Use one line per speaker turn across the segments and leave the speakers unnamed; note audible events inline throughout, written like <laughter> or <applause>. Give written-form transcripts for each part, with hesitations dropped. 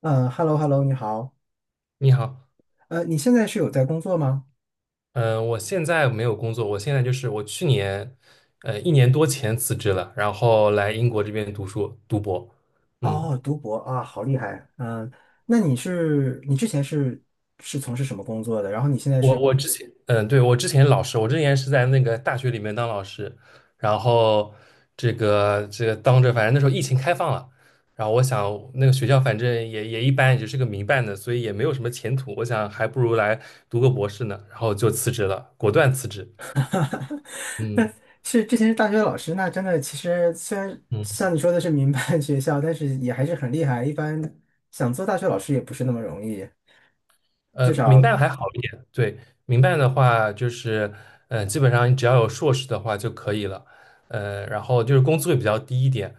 嗯，hello hello，你好。
你好，
你现在是有在工作吗？
嗯，我现在没有工作，我现在就是我去年，一年多前辞职了，然后来英国这边读书读博。嗯，
哦，读博啊，好厉害。嗯，那你之前是从事什么工作的？然后你现在
我
是
我之前，嗯，对，我之前老师，我之前是在那个大学里面当老师，然后这个当着，反正那时候疫情开放了，然后我想那个学校反正也一般，也就是个民办的，所以也没有什么前途，我想还不如来读个博士呢，然后就辞职了，果断辞职。
<laughs> 那
嗯。
是之前是大学老师，那真的其实虽然
嗯，
像你说的是民办 <laughs> 学校，但是也还是很厉害。一般想做大学老师也不是那么容易，至
民
少
办还好一点，对，民办的话就是，基本上你只要有硕士的话就可以了，然后就是工资会比较低一点，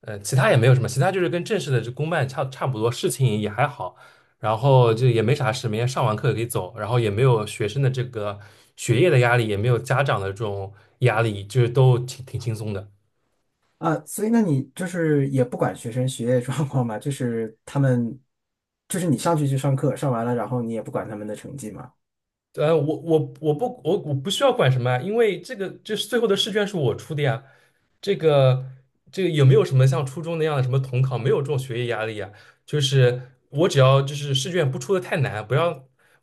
其他也没有什么，其他就是跟正式的这公办差不多，事情也还好，然后就也没啥事，每天上完课可以走，然后也没有学生的这个学业的压力，也没有家长的这种压力，就是都挺轻松的。
啊，所以那你就是也不管学生学业状况嘛，就是他们就是你上去就上课，上完了然后你也不管他们的成绩嘛。
我不需要管什么啊，因为这个就是最后的试卷是我出的呀。这个这个有没有什么像初中那样的什么统考，没有这种学业压力啊？就是我只要就是试卷不出的太难，不要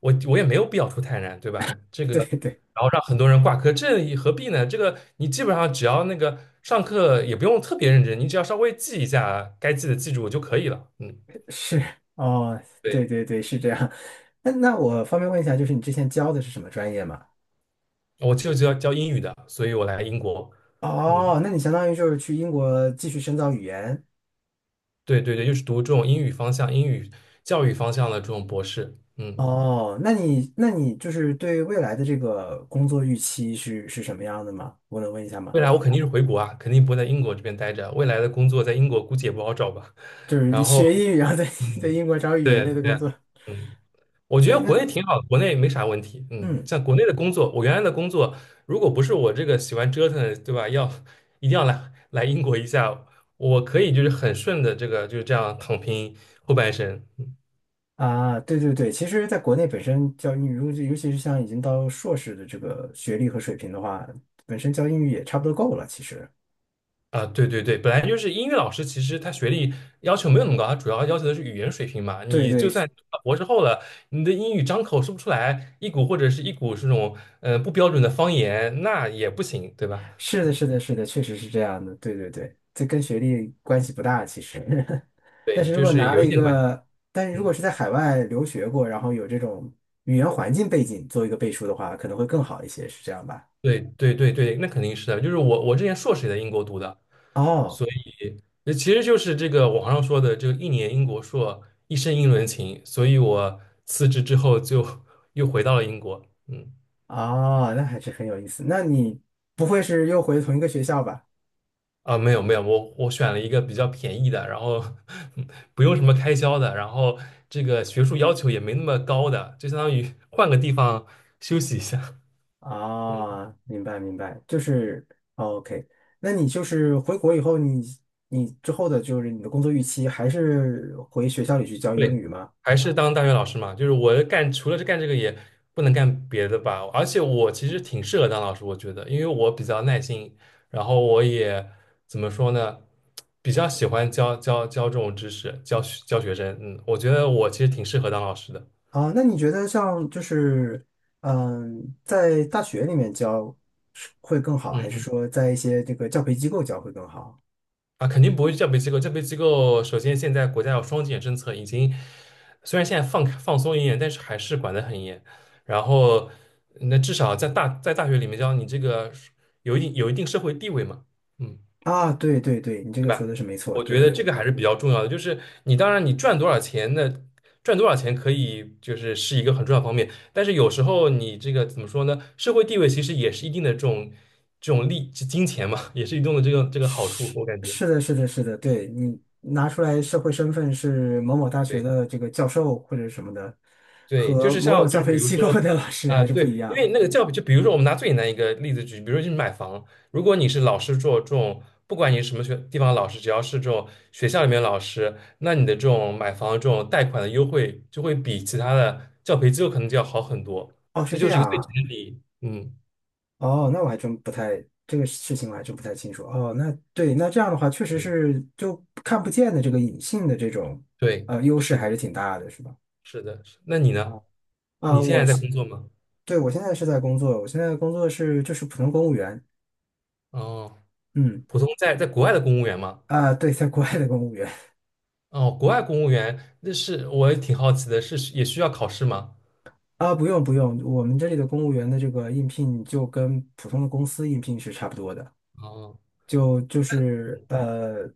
我也没有必要出太难，对吧？这
<laughs>
个
对对。
然后让很多人挂科，这也何必呢？这个你基本上只要那个上课也不用特别认真，你只要稍微记一下该记的记住就可以了。嗯，
<laughs> 是哦，对
对，
对对，是这样。<laughs> 那我方便问一下，就是你之前教的是什么专业吗？
我就教英语的，所以我来英国，
哦，
嗯。
那你相当于就是去英国继续深造语言。
对对对，就是读这种英语方向、英语教育方向的这种博士。嗯，
哦，那你就是对未来的这个工作预期是什么样的吗？我能问一下吗？
未来我肯定是回国啊，肯定不会在英国这边待着。未来的工作在英国估计也不好找吧。
就是
然后，
学英语，然后在 <laughs> 在
嗯，
英国找语言
对
类的
对，
工作。
嗯，我觉
所以
得国
那
内挺好的，国内没啥问题。嗯，
嗯
像国内的工作，我原来的工作，如果不是我这个喜欢折腾，对吧？要一定要来英国一下，我可以就是很顺的这个就是这样躺平后半生。嗯。
啊，对对对，其实在国内本身教英语，如果尤其是像已经到硕士的这个学历和水平的话，本身教英语也差不多够了，其实。
啊，对对对，本来就是英语老师，其实他学历要求没有那么高，他主要要求的是语言水平嘛。
对
你就
对，
算博士后了，你的英语张口说不出来一股或者是一股这种不标准的方言，那也不行，对吧？
是的，是的，是的，确实是这样的。对对对，这跟学历关系不大，其实。<laughs> 但
对，
是如
就
果
是
拿
有
了
一
一
点关系。
个，但是如
嗯，
果是在海外留学过，然后有这种语言环境背景做一个背书的话，可能会更好一些，是这样吧？
对对对对，那肯定是的。就是我之前硕士也在英国读的，
哦
其实就是这个网上说的这个一年英国硕，一生英伦情，所以我辞职之后就 <laughs> 又回到了英国。嗯。
哦，那还是很有意思。那你不会是又回同一个学校吧？
啊，没有没有，我选了一个比较便宜的，然后 <laughs> 不用什么开销的，然后这个学术要求也没那么高的，就相当于 <laughs> 换个地方休息一下。
哦，明白明白，就是哦 OK。那你就是回国以后你，你之后的就是你的工作预期还是回学校里去教
<laughs>
英
对，
语吗？
还是当大学老师嘛，就是我干除了干这个也不能干别的吧，而且我其实挺适合当老师，我觉得，因为我比较耐心，然后我也怎么说呢，比较喜欢教这种知识，教学生，嗯，我觉得我其实挺适合当老师的，
啊，那你觉得像就是，嗯，在大学里面教是会更好，还是
嗯。
说在一些这个教培机构教会更好？
啊，肯定不会叫培机构。叫培机构，首先现在国家有双减政策，已经虽然现在放松一点，但是还是管得很严。然后，那至少在大学里面，教你这个有一定社会地位嘛，嗯，
啊，对对对，你这
对
个说
吧？
的是没错，
我觉
对
得
对
这
对，
个还是比较重要的。就是你当然你赚多少钱可以就是是一个很重要的方面，但是有时候你这个怎么说呢？社会地位其实也是一定的这种利金钱嘛，也是一定的这个好处，
是
我感觉。
是的，是的，是的，对你拿出来社会身份是某某大学
对。
的这个教授或者什么的，
对，就
和
是
某某
像就
教
是比
培
如
机构
说，
的老师
啊、
还是不一
对，因
样
为
的。
那个教育，就比如说我们拿最简单一个例子举，比如说就是买房，如果你是老师做这种，不管你是什么学地方的老师，只要是这种学校里面的老师，那你的这种买房这种贷款的优惠就会比其他的教培机构可能就要好很多，
哦，
这
是这
就是一
样
个最直
啊。
接的比，嗯，
哦，那我还真不太，这个事情我还真不太清楚。哦，那对，那这样的话，确实
对
是就看不见的这个隐性的这种
对，
优势
是
还是
的，
挺大的，是吧？
是的，是那你呢？
啊，啊，
你现
我
在在
是，
工作吗？
对，我现在是在工作，我现在的工作是就是普通公务员，
哦，
嗯，
普通在国外的公务员吗？
啊，对，在国外的公务员
哦，国外公务员，那是我也挺好奇的，是也需要考试吗？
啊，不用不用，我们这里的公务员的这个应聘就跟普通的公司应聘是差不多的。
哦，
就就是呃，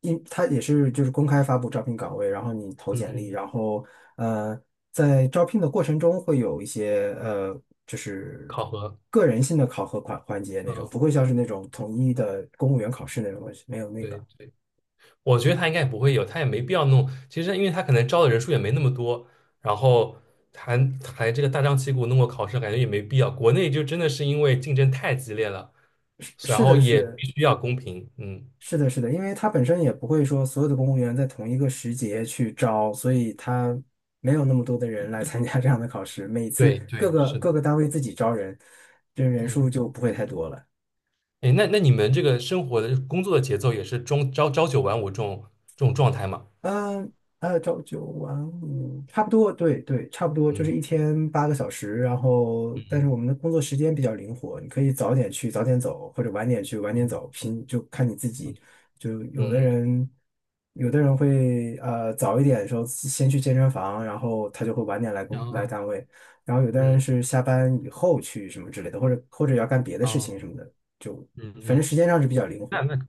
因他也是就是公开发布招聘岗位，然后你投简历，
嗯，
然后呃，在招聘的过程中会有一些就是
考核，
个人性的考核环环节那种，
嗯，
不会像是那种统一的公务员考试那种东西，没有那个。
对，我觉得他应该也不会有，他也没必要弄。其实，因为他可能招的人数也没那么多，然后还还这个大张旗鼓弄个考试，感觉也没必要。国内就真的是因为竞争太激烈了，
是
然
是
后
的
也
是，
必须要公平。嗯，
是的，是的，因为他本身也不会说所有的公务员在同一个时节去招，所以他没有那么多的人来参加这样的考试。每次
对
各
对，
个
是
各
的，
个单位自己招人，这人数
嗯，
就不会太多了。
哎，那你们这个生活的工作的节奏也是朝九晚五这种状态吗？
嗯，朝九晚五，差不多，对对，差不多，就是
嗯
一天8个小时。然后，但是我们的工作时间比较灵活，你可以早点去，早点走，或者晚点去，晚点
嗯
走，拼就看你自己。
嗯。
就有的
嗯
人，有的人会早一点的时候先去健身房，然后他就会晚点来
哦，
单位。然后有的人
嗯，
是下班以后去什么之类的，或者或者要干别的事情
哦，
什么的，就
嗯
反正
嗯，
时间上是比较灵
那
活。
那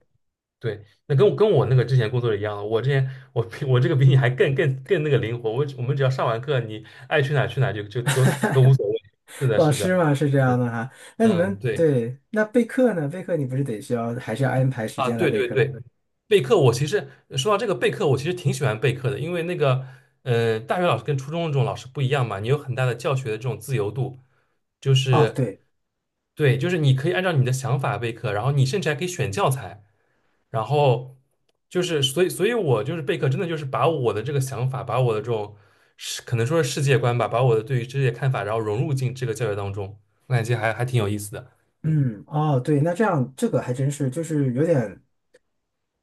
对，那跟我那个之前工作的一样，我之前我比我这个比你还更那个灵活，我们只要上完课，你爱去哪儿去哪儿就都无所谓。是的，
老
是的，
师嘛是这
嗯
样的哈。那你
嗯，
们
对
对，那备课呢？备课你不是得需要，还是要安排时
啊，
间来
对
备
对
课？
对，备课，我其实说到这个备课，我其实挺喜欢备课的，因为那个，大学老师跟初中的这种老师不一样嘛，你有很大的教学的这种自由度，就
哦，
是，
对，
对，就是你可以按照你的想法备课，然后你甚至还可以选教材，然后就是，所以，所以我就是备课，真的就是把我的这个想法，把我的这种世，可能说是世界观吧，把我的对于这些看法，然后融入进这个教学当中，我感觉还挺有意思的，嗯，
嗯，哦，对，那这样这个还真是，就是有点，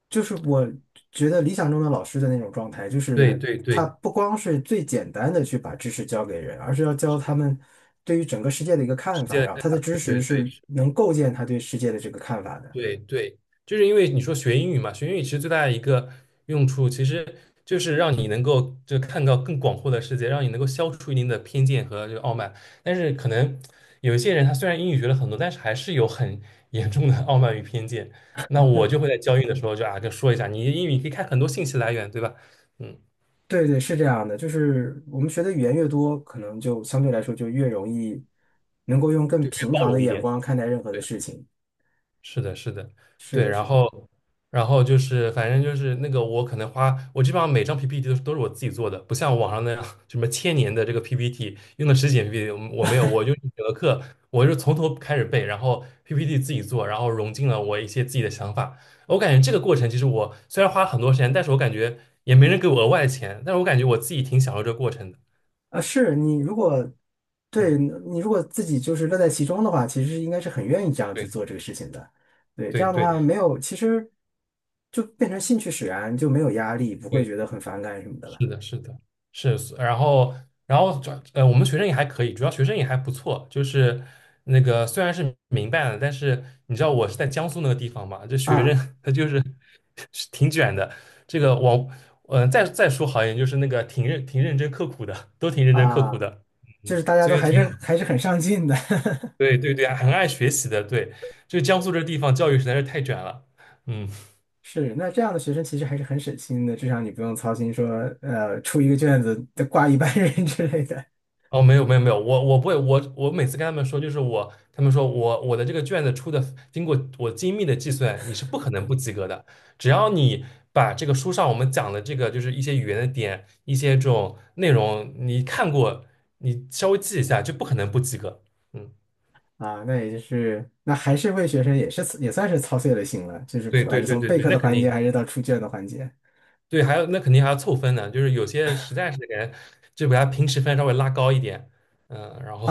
就是我觉得理想中的老师的那种状态，就
对
是
对
他
对，
不光是最简单的去把知识教给人，而是要教他们对于整个世界的一个
世
看法，
界，
然后他的知
对
识
对对。
是能构建他对世界的这个看法的。
对对，就是因为你说学英语嘛，学英语其实最大的一个用处，其实就是让你能够就看到更广阔的世界，让你能够消除一定的偏见和这个傲慢。但是可能有一些人，他虽然英语学了很多，但是还是有很 <laughs> 严重的傲慢与偏见。那我就会在教育的时候就啊，就说一下，你英语可以看很多信息来源，对吧？嗯，
对对，是这样的，就是我们学的语言越多，可能就相对来说就越容易能够用更
对，
平
包
常的
容一
眼
点。对。
光看待任何的事情。
是的，是的，
是
对，
的，
然
是的
后，然后就是，反正就是那个，我可能花，我基本上每张 PPT 都是我自己做的，不像网上那样什么千年的这个 PPT，用的十几年 PPT，我没有，我就是选了课，我就是从头开始背，然后 PPT 自己做，然后融进了我一些自己的想法。我感觉这个过程其实我虽然花了很多时间，但是我感觉也没人给我额外的钱，但是我感觉我自己挺享受这个过程的。
啊，是你如果对
嗯，
你如果自己就是乐在其中的话，其实应该是很愿意这样去
对，
做这个事情的。对，这
对，
样的
对，
话没有，其实就变成兴趣使然，就没有压力，不会
对。
觉得很反感什么的了。
是的，是的，是，然后，然后主要我们学生也还可以，主要学生也还不错，就是那个虽然是民办的，但是你知道我是在江苏那个地方嘛，这学生
啊
<laughs> 他就是 <laughs> 是挺卷的。这个我，再说好一点，就是那个挺认真刻苦的，都挺认真刻
啊，
苦的，
就
嗯，
是大家
所
都
以
还
挺好
是
的。
还是很上进的。
对对对，很爱学习的，对，就江苏这地方教育实在是太卷了，嗯。
是，那这样的学生其实还是很省心的，至少你不用操心说，出一个卷子得挂一班人 <laughs> 之类的
哦，没有没有没有，我不会，我每次跟他们说，就是我，他们说我的这个卷子出的，经过我精密的计算，你是不可能不及格的。只要你把这个书上我们讲的这个，就是一些语言的点，一些这种内容，你看过，你稍微记一下，就不可能不及格。嗯，
啊。那也就是，那还是为学生也是也算是操碎了心了，就是
对
不管
对
是
对
从
对
备
对，
课
那
的
肯
环节
定，
还是到出卷的环节。
对，还有那肯定还要凑分呢，就是有些实在是感觉就把他平时分稍微拉高一点，嗯，然后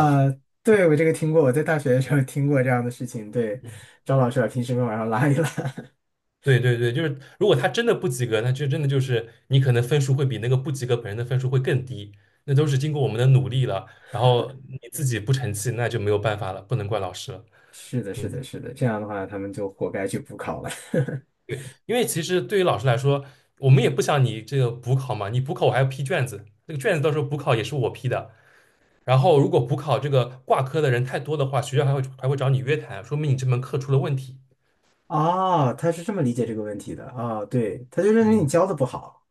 对，我这个听过，我在大学的时候听过这样的事情。对，
<laughs>
张老师把平时分往上拉一拉。<laughs>
对对对，就是如果他真的不及格，那就真的就是你可能分数会比那个不及格本人的分数会更低，那都是经过我们的努力了，然后你自己不成器，那就没有办法了，不能怪老师了。
是的，是
嗯，
的，是的，这样的话他们就活该去补考了。<laughs>
对，因为其实对于老师来说，我们也不想你这个补考嘛，你补考我还要批卷子，那个卷子到时候补考也是我批的。然后如果补考这个挂科的人太多的话，学校还会找你约谈，说明你这门课出了问题。
哦，他是这么理解这个问题的。哦，对，他就认为你
嗯。
教的不好。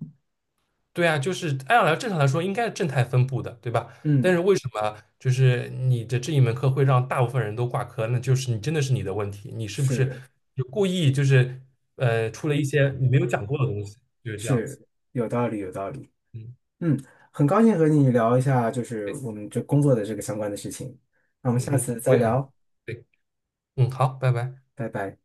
对啊，就是按来正常来说应该是正态分布的，对吧？但
嗯，
是为什么就是你的这一门课会让大部分人都挂科？那就是你真的是你的问题，你是不是
是。
就故意就是出了一些你没有讲过的东西，就是这样子。
是有道理，有道理。
嗯，
嗯，很高兴和你聊一下，就是
对，
我们这工作的这个相关的事情。那我们
嗯
下
嗯，
次
我
再
也很
聊，
对，嗯，好，拜拜。
拜拜。